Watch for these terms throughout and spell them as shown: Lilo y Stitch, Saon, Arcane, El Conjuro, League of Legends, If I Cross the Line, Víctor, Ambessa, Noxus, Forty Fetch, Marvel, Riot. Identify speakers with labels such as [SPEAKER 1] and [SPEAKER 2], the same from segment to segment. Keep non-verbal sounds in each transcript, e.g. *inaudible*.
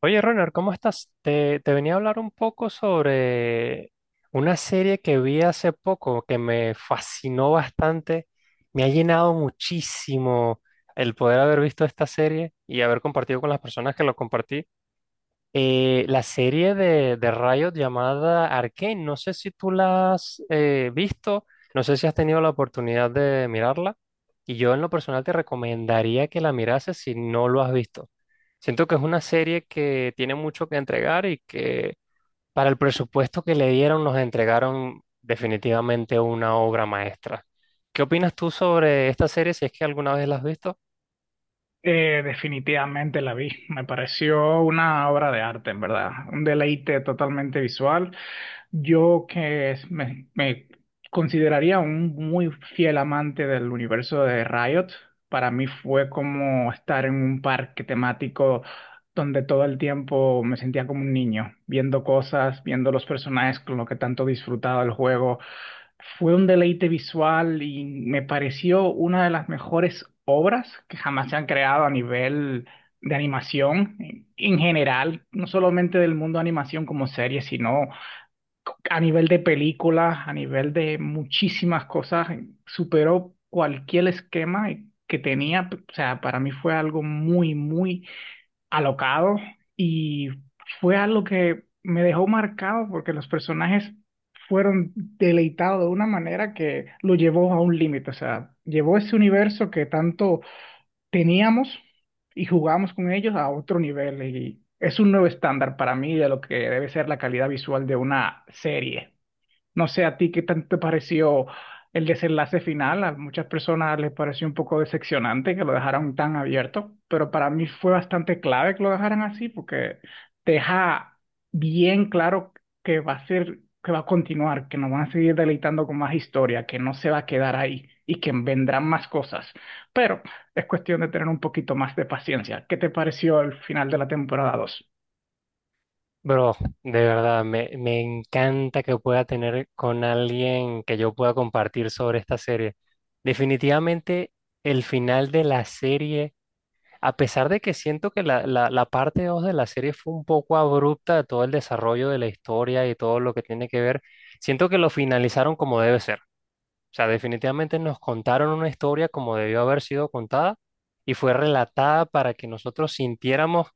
[SPEAKER 1] Oye, Ronald, ¿cómo estás? Te venía a hablar un poco sobre una serie que vi hace poco que me fascinó bastante. Me ha llenado muchísimo el poder haber visto esta serie y haber compartido con las personas que lo compartí. La serie de Riot llamada Arcane, no sé si tú la has visto, no sé si has tenido la oportunidad de mirarla, y yo en lo personal te recomendaría que la mirases si no lo has visto. Siento que es una serie que tiene mucho que entregar y que para el presupuesto que le dieron nos entregaron definitivamente una obra maestra. ¿Qué opinas tú sobre esta serie si es que alguna vez la has visto?
[SPEAKER 2] Definitivamente la vi. Me pareció una obra de arte, en verdad. Un deleite totalmente visual. Yo que es- me consideraría un muy fiel amante del universo de Riot. Para mí fue como estar en un parque temático donde todo el tiempo me sentía como un niño, viendo cosas, viendo los personajes con lo que tanto disfrutaba el juego. Fue un deleite visual y me pareció una de las mejores obras que jamás se han creado a nivel de animación en general, no solamente del mundo de animación como serie, sino a nivel de películas, a nivel de muchísimas cosas. Superó cualquier esquema que tenía. O sea, para mí fue algo muy, muy alocado y fue algo que me dejó marcado porque los personajes fueron deleitados de una manera que lo llevó a un límite, o sea, llevó ese universo que tanto teníamos y jugábamos con ellos a otro nivel, y es un nuevo estándar para mí de lo que debe ser la calidad visual de una serie. No sé a ti qué tanto te pareció el desenlace final. A muchas personas les pareció un poco decepcionante que lo dejaran tan abierto, pero para mí fue bastante clave que lo dejaran así porque deja bien claro que va a ser, que va a continuar, que nos van a seguir deleitando con más historia, que no se va a quedar ahí y que vendrán más cosas. Pero es cuestión de tener un poquito más de paciencia. ¿Qué te pareció el final de la temporada 2?
[SPEAKER 1] Bro, de verdad, me encanta que pueda tener con alguien que yo pueda compartir sobre esta serie. Definitivamente el final de la serie, a pesar de que siento que la parte 2 de la serie fue un poco abrupta de todo el desarrollo de la historia y todo lo que tiene que ver, siento que lo finalizaron como debe ser. O sea, definitivamente nos contaron una historia como debió haber sido contada y fue relatada para que nosotros sintiéramos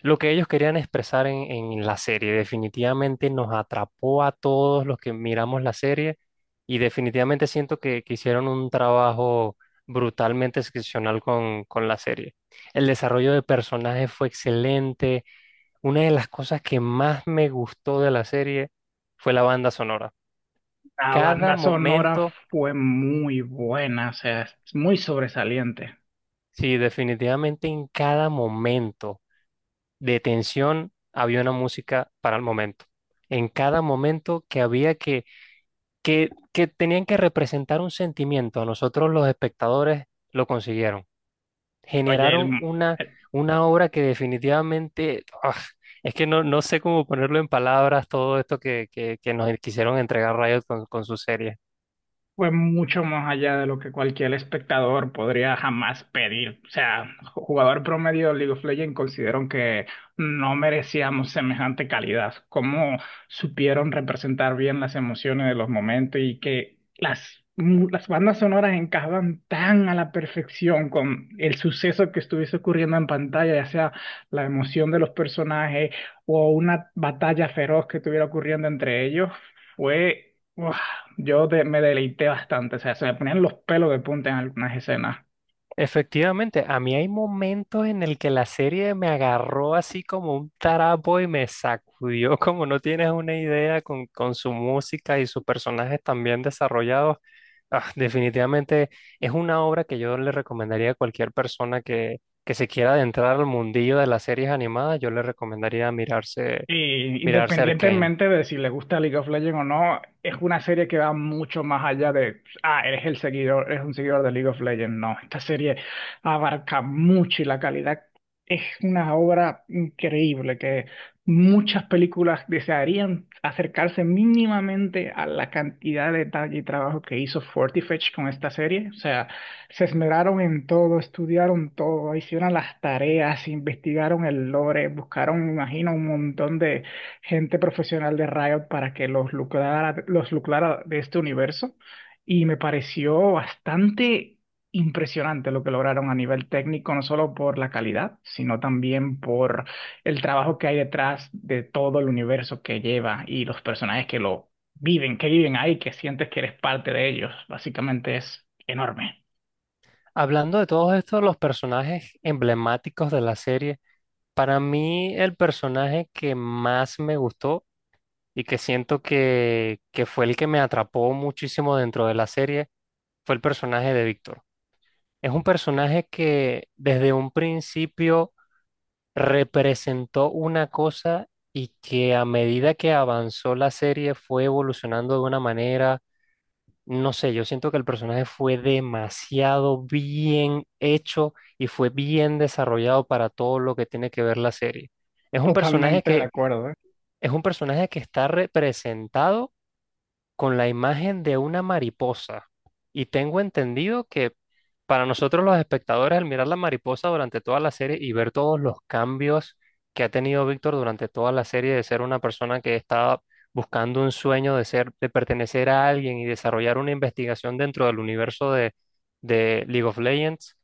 [SPEAKER 1] lo que ellos querían expresar en la serie definitivamente nos atrapó a todos los que miramos la serie y definitivamente siento que hicieron un trabajo brutalmente excepcional con la serie. El desarrollo de personajes fue excelente. Una de las cosas que más me gustó de la serie fue la banda sonora.
[SPEAKER 2] La
[SPEAKER 1] Cada
[SPEAKER 2] banda sonora
[SPEAKER 1] momento,
[SPEAKER 2] fue muy buena, o sea, es muy sobresaliente.
[SPEAKER 1] sí, definitivamente en cada momento de tensión había una música para el momento. En cada momento que había que que tenían que representar un sentimiento. Nosotros los espectadores lo consiguieron.
[SPEAKER 2] Oye, el,
[SPEAKER 1] Generaron una obra que definitivamente, es que no, no sé cómo ponerlo en palabras todo esto que nos quisieron entregar Riot con su serie.
[SPEAKER 2] Fue mucho más allá de lo que cualquier espectador podría jamás pedir. O sea, jugador promedio de League of Legends considero que no merecíamos semejante calidad. Cómo supieron representar bien las emociones de los momentos y que las bandas sonoras encajaban tan a la perfección con el suceso que estuviese ocurriendo en pantalla, ya sea la emoción de los personajes o una batalla feroz que estuviera ocurriendo entre ellos. Fue... ¡guau! Me deleité bastante, o sea, se me ponían los pelos de punta en algunas escenas.
[SPEAKER 1] Efectivamente, a mí hay momentos en el que la serie me agarró así como un tarapo y me sacudió *laughs* como no tienes una idea con su música y sus personajes tan bien desarrollados. Definitivamente es una obra que yo le recomendaría a cualquier persona que se quiera adentrar al mundillo de las series animadas, yo le recomendaría
[SPEAKER 2] Y
[SPEAKER 1] mirarse Arcane.
[SPEAKER 2] independientemente de si les gusta League of Legends o no, es una serie que va mucho más allá de, ah, eres un seguidor de League of Legends. No, esta serie abarca mucho y la calidad es una obra increíble que muchas películas desearían acercarse mínimamente a la cantidad de detalle y trabajo que hizo Forty Fetch con esta serie. O sea, se esmeraron en todo, estudiaron todo, hicieron las tareas, investigaron el lore, buscaron, me imagino, un montón de gente profesional de Riot para que los lucrara de este universo. Y me pareció bastante impresionante lo que lograron a nivel técnico, no solo por la calidad, sino también por el trabajo que hay detrás de todo el universo que lleva y los personajes que lo viven, que viven ahí, que sientes que eres parte de ellos. Básicamente es enorme.
[SPEAKER 1] Hablando de todos estos, los personajes emblemáticos de la serie, para mí el personaje que más me gustó y que siento que fue el que me atrapó muchísimo dentro de la serie, fue el personaje de Víctor. Es un personaje que desde un principio representó una cosa y que a medida que avanzó la serie fue evolucionando de una manera, no sé, yo siento que el personaje fue demasiado bien hecho y fue bien desarrollado para todo lo que tiene que ver la serie. Es un personaje
[SPEAKER 2] Totalmente de
[SPEAKER 1] que,
[SPEAKER 2] acuerdo, ¿eh?
[SPEAKER 1] es un personaje que está representado con la imagen de una mariposa. Y tengo entendido que para nosotros los espectadores, al mirar la mariposa durante toda la serie y ver todos los cambios que ha tenido Víctor durante toda la serie de ser una persona que estaba buscando un sueño de ser, de pertenecer a alguien y desarrollar una investigación dentro del universo de League of Legends,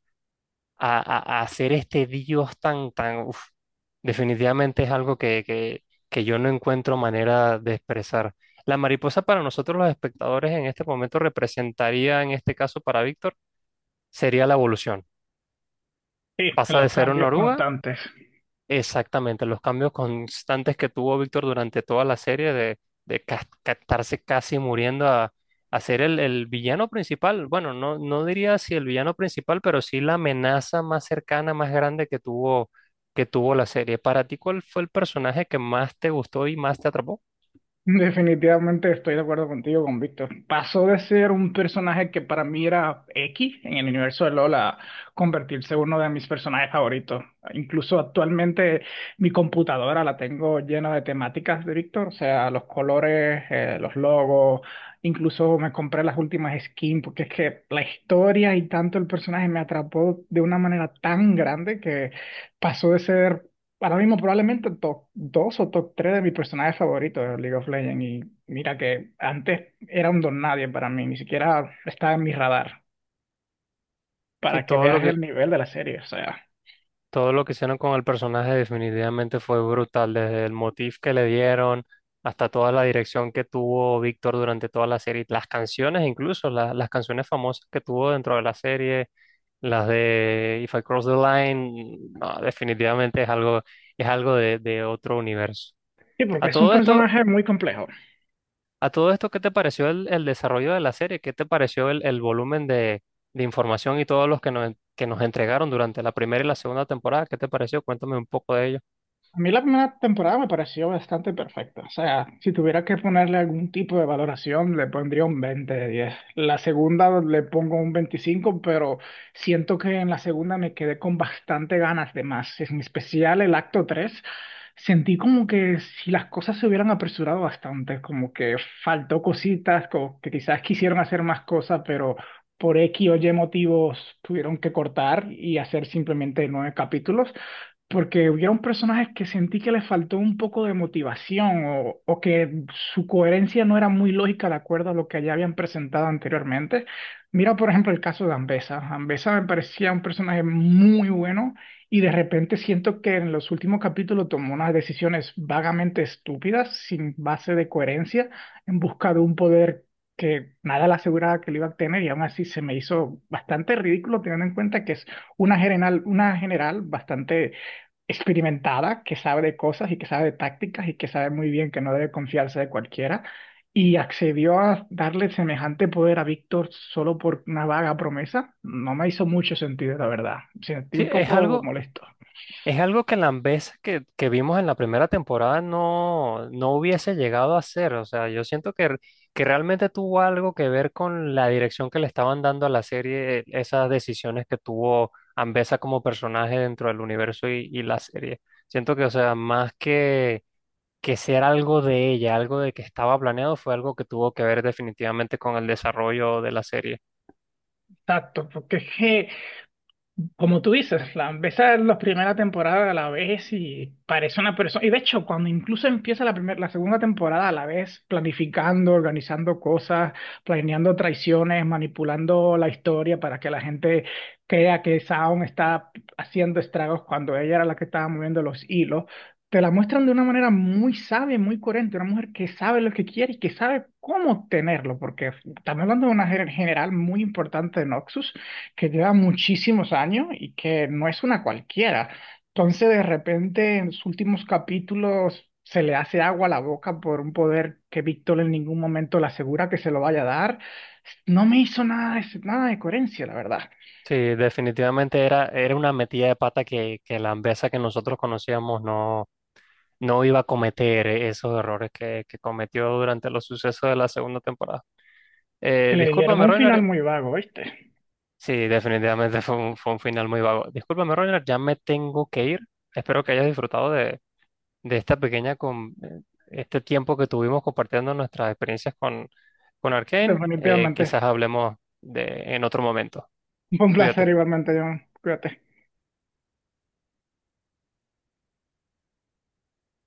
[SPEAKER 1] a, a hacer este Dios tan, uf, definitivamente es algo que yo no encuentro manera de expresar. La mariposa para nosotros los espectadores en este momento representaría, en este caso para Víctor, sería la evolución.
[SPEAKER 2] Sí,
[SPEAKER 1] Pasa de
[SPEAKER 2] los
[SPEAKER 1] ser una
[SPEAKER 2] cambios
[SPEAKER 1] oruga.
[SPEAKER 2] constantes.
[SPEAKER 1] Exactamente, los cambios constantes que tuvo Víctor durante toda la serie de estarse casi muriendo a ser el villano principal. Bueno, no, no diría si el villano principal, pero sí la amenaza más cercana, más grande que tuvo la serie. ¿Para ti cuál fue el personaje que más te gustó y más te atrapó?
[SPEAKER 2] Definitivamente estoy de acuerdo contigo, con Víctor. Pasó de ser un personaje que para mí era X en el universo de LoL a convertirse en uno de mis personajes favoritos. Incluso actualmente mi computadora la tengo llena de temáticas de Víctor, o sea, los colores, los logos. Incluso me compré las últimas skins, porque es que la historia y tanto el personaje me atrapó de una manera tan grande que pasó de ser ahora mismo probablemente top 2 o top 3 de mis personajes favoritos de League of Legends. Y mira que antes era un don nadie para mí, ni siquiera estaba en mi radar,
[SPEAKER 1] Sí,
[SPEAKER 2] para que
[SPEAKER 1] todo lo
[SPEAKER 2] veas
[SPEAKER 1] que,
[SPEAKER 2] el nivel de la serie. O sea,
[SPEAKER 1] Todo lo que hicieron con el personaje definitivamente fue brutal, desde el motif que le dieron hasta toda la dirección que tuvo Víctor durante toda la serie, las canciones incluso, las canciones famosas que tuvo dentro de la serie, las de If I Cross the Line, no, definitivamente es algo de otro universo.
[SPEAKER 2] sí, porque
[SPEAKER 1] A
[SPEAKER 2] es un
[SPEAKER 1] todo esto,
[SPEAKER 2] personaje muy complejo.
[SPEAKER 1] a todo esto, ¿qué te pareció el desarrollo de la serie? ¿Qué te pareció el volumen de información y todos los que nos entregaron durante la primera y la segunda temporada? ¿Qué te pareció? Cuéntame un poco de ello.
[SPEAKER 2] A mí la primera temporada me pareció bastante perfecta. O sea, si tuviera que ponerle algún tipo de valoración, le pondría un 20 de 10. La segunda le pongo un 25, pero siento que en la segunda me quedé con bastante ganas de más. En especial el acto 3, sentí como que si las cosas se hubieran apresurado bastante, como que faltó cositas, como que quizás quisieron hacer más cosas, pero por X o Y motivos tuvieron que cortar y hacer simplemente 9 capítulos, porque hubieron personajes que sentí que les faltó un poco de motivación o que su coherencia no era muy lógica de acuerdo a lo que ya habían presentado anteriormente. Mira, por ejemplo, el caso de Ambessa. Ambessa me parecía un personaje muy bueno y de repente siento que en los últimos capítulos tomó unas decisiones vagamente estúpidas, sin base de coherencia, en busca de un poder que nada le aseguraba que lo iba a tener, y aún así se me hizo bastante ridículo teniendo en cuenta que es una general bastante experimentada, que sabe de cosas y que sabe de tácticas y que sabe muy bien que no debe confiarse de cualquiera, y accedió a darle semejante poder a Víctor solo por una vaga promesa. No me hizo mucho sentido, la verdad. Me sentí
[SPEAKER 1] Sí,
[SPEAKER 2] un
[SPEAKER 1] es
[SPEAKER 2] poco
[SPEAKER 1] algo,
[SPEAKER 2] molesto.
[SPEAKER 1] es algo que Lambesa que vimos en la primera temporada no, no hubiese llegado a hacer. O sea, yo siento que realmente tuvo algo que ver con la dirección que le estaban dando a la serie, esas decisiones que tuvo Ambesa como personaje dentro del universo y la serie. Siento que, o sea, más que ser algo de ella, algo de que estaba planeado, fue algo que tuvo que ver definitivamente con el desarrollo de la serie.
[SPEAKER 2] Exacto, porque es que, como tú dices, Flan, ves a la primera temporada a la vez y parece una persona. Y de hecho, cuando incluso empieza la segunda temporada a la vez, planificando, organizando cosas, planeando traiciones, manipulando la historia para que la gente crea que Saon está haciendo estragos cuando ella era la que estaba moviendo los hilos, te la muestran de una manera muy sabia y muy coherente, una mujer que sabe lo que quiere y que sabe cómo tenerlo, porque estamos hablando de una general muy importante de Noxus que lleva muchísimos años y que no es una cualquiera. Entonces, de repente, en los últimos capítulos se le hace agua a la boca por un poder que Víctor en ningún momento le asegura que se lo vaya a dar. No me hizo nada de, nada de coherencia, la verdad.
[SPEAKER 1] Sí, definitivamente era una metida de pata que la Ambesa que nosotros conocíamos no, no iba a cometer esos errores que cometió durante los sucesos de la segunda temporada.
[SPEAKER 2] Que le dieron
[SPEAKER 1] Discúlpame,
[SPEAKER 2] un final
[SPEAKER 1] Reiner.
[SPEAKER 2] muy vago, ¿viste?
[SPEAKER 1] Sí, definitivamente *laughs* fue un final muy vago. Discúlpame, Reiner, ya me tengo que ir. Espero que hayas disfrutado de esta pequeña, con, este tiempo que tuvimos compartiendo nuestras experiencias con Arcane.
[SPEAKER 2] Definitivamente.
[SPEAKER 1] Quizás hablemos de, en otro momento.
[SPEAKER 2] *laughs* Un placer
[SPEAKER 1] Cuídate.
[SPEAKER 2] igualmente, John. Cuídate.